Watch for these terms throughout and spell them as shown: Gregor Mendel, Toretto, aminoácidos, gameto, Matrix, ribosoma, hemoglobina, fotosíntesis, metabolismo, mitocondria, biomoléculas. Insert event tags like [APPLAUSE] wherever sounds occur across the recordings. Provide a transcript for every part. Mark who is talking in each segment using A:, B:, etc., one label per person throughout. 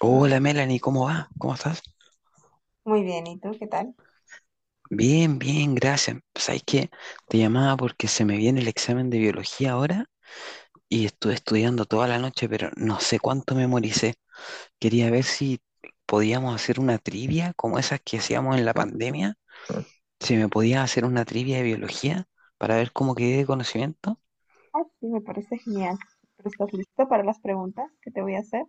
A: Hola Melanie, ¿cómo va? ¿Cómo estás?
B: Muy bien, ¿y tú qué tal?
A: Bien, bien, gracias. ¿Sabes qué? Te llamaba porque se me viene el examen de biología ahora y estuve estudiando toda la noche, pero no sé cuánto memoricé. Quería ver si podíamos hacer una trivia como esas que hacíamos en la pandemia. Si me podías hacer una trivia de biología para ver cómo quedé de conocimiento.
B: Ah, sí, me parece genial. ¿Pero estás listo para las preguntas que te voy a hacer?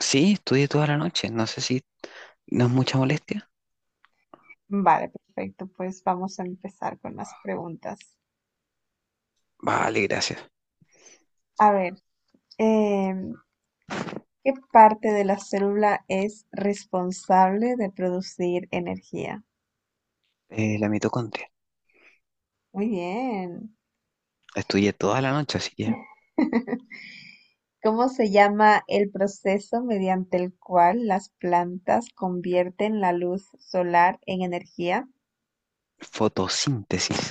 A: Sí, estudié toda la noche. No sé si no es mucha molestia.
B: Vale, perfecto. Pues vamos a empezar con las preguntas.
A: Vale, gracias.
B: A ver, em, ¿qué parte de la célula es responsable de producir energía?
A: La mitocondria.
B: Muy bien.
A: Estudié toda la noche, así que
B: [LAUGHS] ¿Cómo se llama el proceso mediante el cual las plantas convierten la luz solar en energía?
A: fotosíntesis.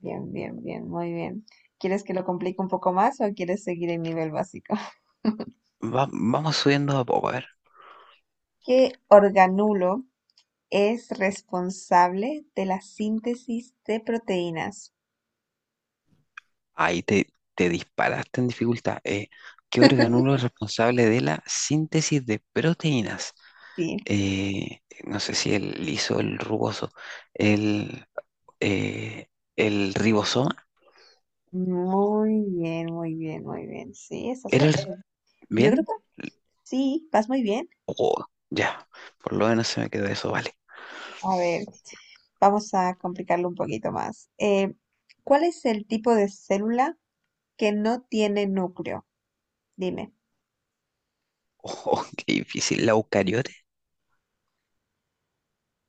B: Bien, bien, bien, muy bien. ¿Quieres que lo complique un poco más o quieres seguir el nivel básico? [LAUGHS]
A: Vamos subiendo de a poco, a ver.
B: ¿Qué organulo es responsable de la síntesis de proteínas?
A: Ahí te, Te disparaste en dificultad. ¿Qué organulo es responsable de la síntesis de proteínas?
B: Sí,
A: No sé si el liso, el rugoso, el, eh, el ribosoma.
B: muy bien, muy bien, muy bien. Sí,
A: ¿Era el...
B: yo
A: bien?
B: creo que sí, vas muy bien.
A: Oh, ya, por lo menos se me quedó eso, vale.
B: A ver, vamos a complicarlo un poquito más. ¿Cuál es el tipo de célula que no tiene núcleo? Dime.
A: Oh, [LAUGHS] qué difícil. ¿La eucariote?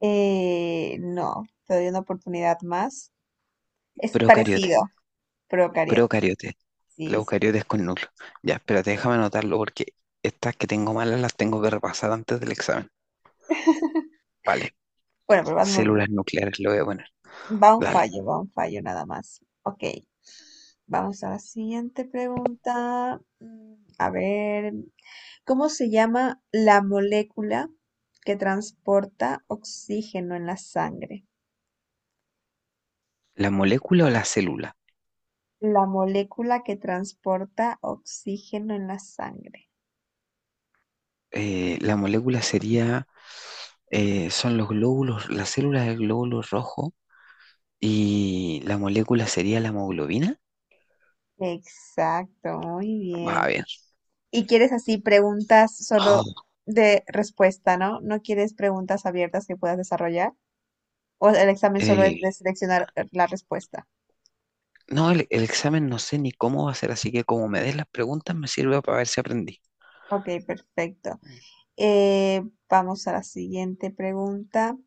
B: No, te doy una oportunidad más. Es
A: ¿Procariote?
B: parecido. Procariota.
A: Procariotes. Los
B: Sí, sí.
A: eucariotes con núcleo. Ya, espérate, déjame anotarlo porque estas que tengo malas las tengo que repasar antes del examen. Vale.
B: Bueno, pero vas muy bien.
A: Células nucleares lo voy a poner. Dale.
B: Va un fallo nada más. Ok. Vamos a la siguiente pregunta. A ver, ¿cómo se llama la molécula que transporta oxígeno en la sangre?
A: ¿La molécula o la célula?
B: La molécula que transporta oxígeno en la sangre.
A: Eh, la molécula sería, Son los glóbulos, la célula es el glóbulo rojo y la molécula sería la hemoglobina.
B: Exacto, muy
A: Va
B: bien.
A: bien.
B: Y quieres así preguntas solo
A: Oh,
B: de respuesta, ¿no? No quieres preguntas abiertas que puedas desarrollar. O el examen
A: [GASPS]
B: solo es
A: eh,
B: de seleccionar la respuesta.
A: no, el examen no sé ni cómo va a ser, así que como me des las preguntas me sirve para ver si aprendí.
B: Ok, perfecto. Eh, vamos a la siguiente pregunta.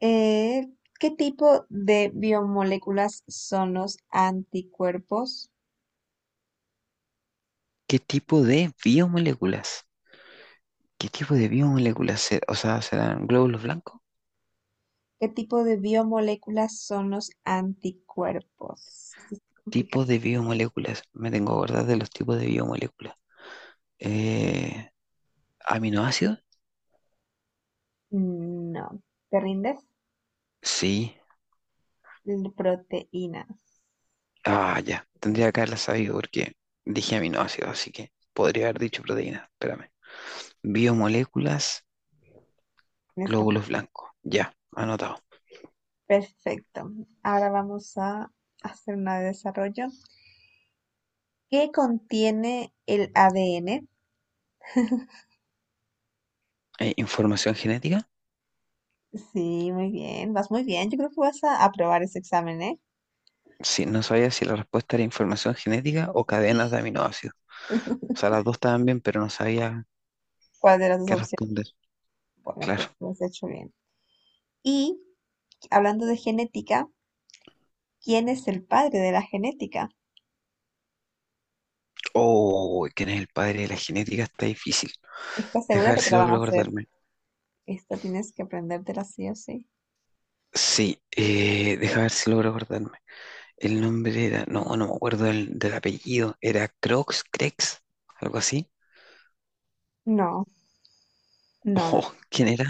B: Eh, ¿Qué tipo de biomoléculas son los anticuerpos?
A: ¿Qué tipo de biomoléculas? ¿Qué tipo de biomoléculas? O sea, ¿serán glóbulos blancos?
B: ¿Qué tipo de biomoléculas son los anticuerpos? Esto es complicado.
A: Tipos de biomoléculas. Me tengo que acordar de los tipos de biomoléculas. Eh, ¿Aminoácidos?
B: No. ¿Te rindes?
A: Sí.
B: Proteínas.
A: Ah, ya. Tendría que haberla sabido porque dije aminoácidos, así que podría haber dicho proteínas. Espérame. Biomoléculas,
B: Tienes cap-
A: glóbulos blancos. Ya, anotado.
B: Perfecto. Ahora vamos a hacer una de desarrollo. ¿Qué contiene el ADN?
A: ¿Información genética?
B: Sí, muy bien, vas muy bien. Yo creo que vas a aprobar ese examen, ¿eh?
A: Sí, no sabía si la respuesta era información genética o cadenas de aminoácidos. O sea, las dos estaban bien, pero no sabía
B: ¿Cuál de las dos
A: qué
B: opciones?
A: responder.
B: Bueno,
A: Claro.
B: pero lo has hecho bien. Y hablando de genética, ¿quién es el padre de la genética?
A: Oh, ¿quién es el padre de la genética? Está difícil.
B: ¿Estás
A: Deja
B: segura
A: ver
B: que te
A: si
B: la van
A: logro
B: a hacer?
A: acordarme.
B: Esta tienes que aprendértela sí o sí.
A: Sí, deja ver si logro acordarme. El nombre era, no, no me acuerdo del apellido. Era Crox, Crex, algo así. [LAUGHS]
B: No, no, no.
A: Oh, ¿quién era?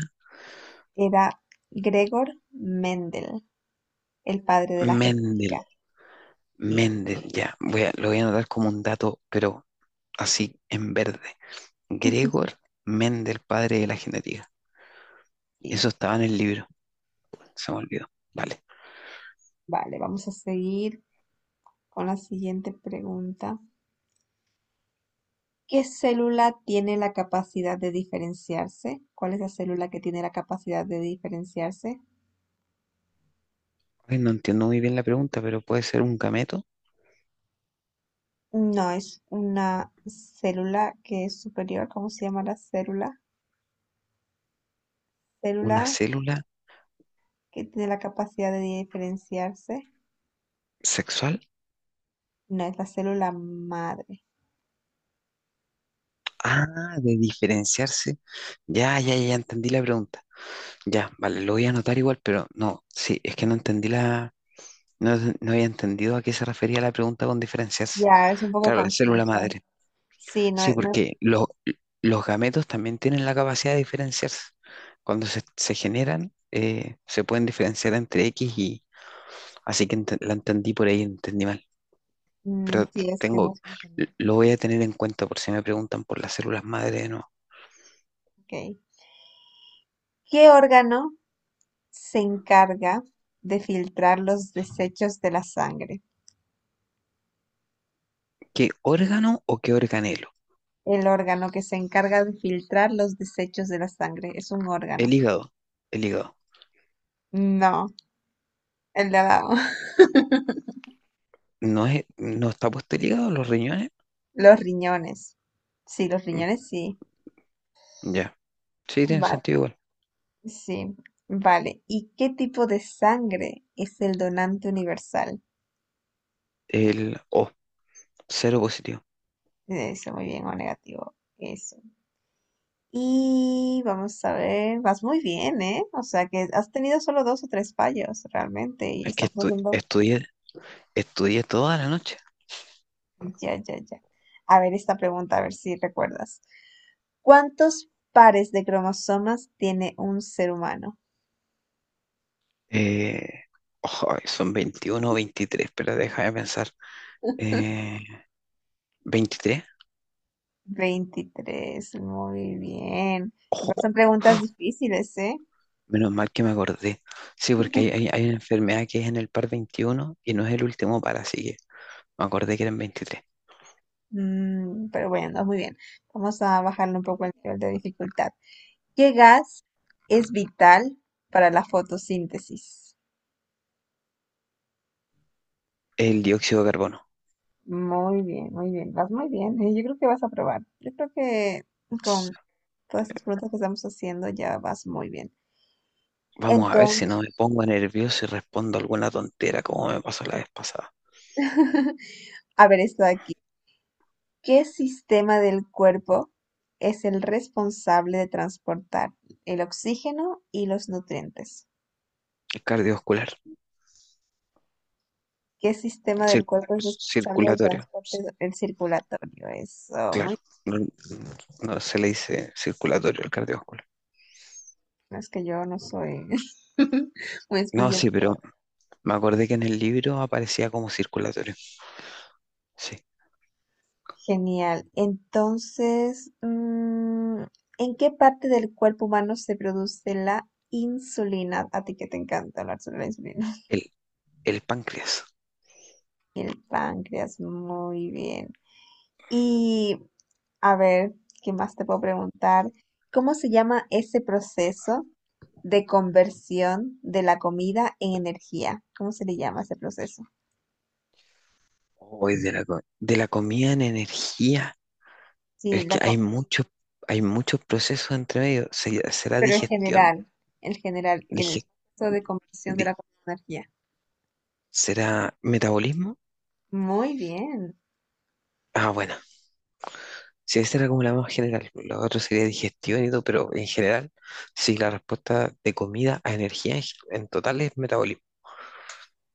B: Era Gregor Mendel, el padre de la
A: Mendel.
B: genética. Sí,
A: Mendel, ya. Lo voy a anotar como un dato, pero así en verde. Gregor Mendel, padre de la genética.
B: sí.
A: Eso estaba en el libro. Se me olvidó. Vale.
B: [LAUGHS] Vale, vamos a seguir con la siguiente pregunta. ¿Qué célula tiene la capacidad de diferenciarse? ¿Cuál es la célula que tiene la capacidad de diferenciarse?
A: Ay, no entiendo muy bien la pregunta, pero puede ser un gameto,
B: No, es una célula que es superior. ¿Cómo se llama la célula? Célula
A: una célula
B: que tiene la capacidad de diferenciarse.
A: sexual.
B: No, es la célula madre.
A: Ah, de diferenciarse. Ya, ya, ya entendí la pregunta. Ya, vale, lo voy a anotar igual, pero no, sí, es que no entendí no, no había entendido a qué se refería la pregunta con diferenciarse.
B: Ya, es un poco
A: Claro, la célula
B: confusa.
A: madre.
B: Sí, no,
A: Sí,
B: es, no es.
A: porque los gametos también tienen la capacidad de diferenciarse. Cuando se generan, se pueden diferenciar entre X y... Así que la entendí por ahí, entendí mal.
B: Mm,
A: Pero
B: sí, es que
A: tengo,
B: no es confusa.
A: lo voy a tener en cuenta por si me preguntan por las células madre, ¿no?
B: Ok. ¿Qué órgano se encarga de filtrar los desechos de la sangre?
A: ¿Qué órgano o qué organelo?
B: El órgano que se encarga de filtrar los desechos de la sangre es un órgano.
A: El hígado. El hígado.
B: No, el de abajo. [LAUGHS]
A: ¿No es, no está puesto el hígado, los riñones?
B: Los riñones. Sí, los
A: Mm,
B: riñones sí.
A: Ya. Sí, tiene
B: Vale,
A: sentido igual.
B: sí. Vale. ¿Y qué tipo de sangre es el donante universal?
A: El O, cero positivo.
B: Eso, muy bien, o negativo. Eso. Y vamos a ver, vas muy bien, ¿eh? O sea que has tenido solo dos o tres fallos realmente y
A: Es que
B: estamos haciendo...
A: estudié, estudié toda la noche.
B: Ya, ya, ya. A ver esta pregunta, a ver si recuerdas. ¿Cuántos pares de cromosomas tiene un ser humano?
A: Eh, Ojo, son 21, o 23, pero deja de pensar. Eh, ¿23?
B: Veintitrés. Muy bien.
A: Ojo,
B: Igual son preguntas difíciles, ¿eh?
A: menos mal que me acordé. Sí, porque hay,
B: [LAUGHS]
A: hay, hay una enfermedad que es en el par 21 y no es el último par, así que me acordé que eran 23.
B: Mm, pero bueno, muy bien. Vamos a bajarle un poco el nivel de dificultad. ¿Qué gas es vital para la fotosíntesis?
A: El dióxido de carbono.
B: Muy bien, muy bien. Vas muy bien. Yo creo que vas a probar. Yo creo que con todas estas preguntas que estamos haciendo ya vas muy bien.
A: Vamos a ver si no
B: Entonces,
A: me pongo nervioso y respondo alguna tontera como me pasó la vez pasada.
B: [LAUGHS] a ver esto de aquí. ¿Qué sistema del cuerpo es el responsable de transportar el oxígeno y los nutrientes?
A: Es cardiovascular,
B: ¿Qué sistema del
A: cir-
B: cuerpo es responsable del
A: circulatorio,
B: transporte el circulatorio? Eso,
A: claro.
B: muy
A: No, no se le dice circulatorio al cardiovascular.
B: bien, es que yo no soy [LAUGHS] muy
A: No, sí,
B: especialista.
A: pero me acordé que en el libro aparecía como circulatorio. Sí,
B: Genial. Entonces, ¿en qué parte del cuerpo humano se produce la insulina? A ti que te encanta hablar sobre la insulina. [LAUGHS]
A: el, el páncreas.
B: El páncreas, muy bien. Y a ver, ¿qué más te puedo preguntar? ¿Cómo se llama ese proceso de conversión de la comida en energía? ¿Cómo se le llama ese proceso?
A: Hoy de de la comida en energía.
B: Sí,
A: Es
B: la
A: que
B: co-
A: hay muchos procesos entre medio. ¿Será
B: Pero
A: digestión?
B: en general, el
A: Dije,
B: proceso de conversión de
A: di-
B: la comida en energía.
A: ¿Será metabolismo?
B: Muy bien,
A: Ah, bueno, si esa era como la más general, la otra sería digestión y todo, pero en general, sí, la respuesta de comida a energía en total es metabolismo.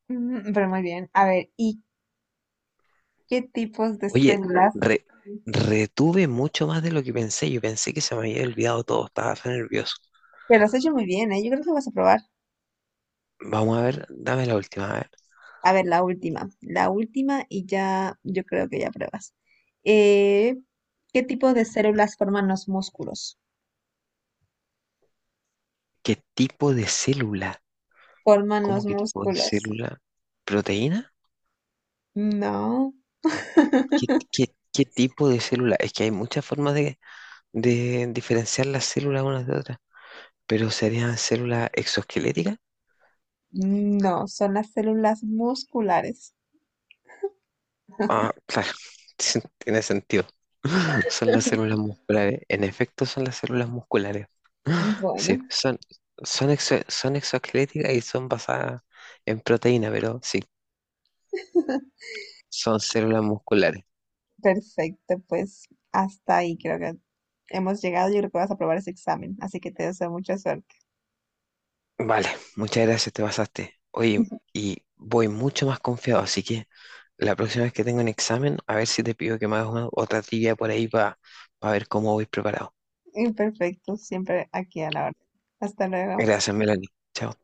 B: pero muy bien. A ver, ¿y qué tipos de
A: Oye,
B: células?
A: re- retuve mucho más de lo que pensé. Yo pensé que se me había olvidado todo, estaba tan nervioso.
B: Te lo has hecho muy bien, ¿eh? Yo creo que vas a probar.
A: Vamos a ver, dame la última. A ver,
B: A ver, la última. La última y ya, yo creo que ya pruebas. Eh, ¿Qué tipo de células forman los músculos?
A: ¿qué tipo de célula?
B: Forman
A: ¿Cómo
B: los
A: qué tipo de
B: músculos.
A: célula? ¿Proteína?
B: No, [LAUGHS]
A: ¿Qué tipo de célula? Es que hay muchas formas de diferenciar las células unas de otras, pero serían células exoesqueléticas.
B: no, son las células musculares.
A: Ah, claro, [LAUGHS] tiene sentido. Son las células musculares. En efecto, son las células musculares.
B: Bueno,
A: Sí, son exoesqueléticas y son basadas en proteína, pero sí,
B: [LAUGHS]
A: son células musculares.
B: perfecto, pues hasta ahí creo que hemos llegado. Yo creo que vas a probar ese examen, así que te deseo mucha suerte.
A: Vale, muchas gracias, te pasaste. Oye, y voy mucho más confiado, así que la próxima vez que tenga un examen, a ver si te pido que me hagas otra trivia por ahí para ver cómo voy preparado.
B: Perfecto, siempre aquí a la orden. Hasta luego.
A: Gracias, Melanie. Chao.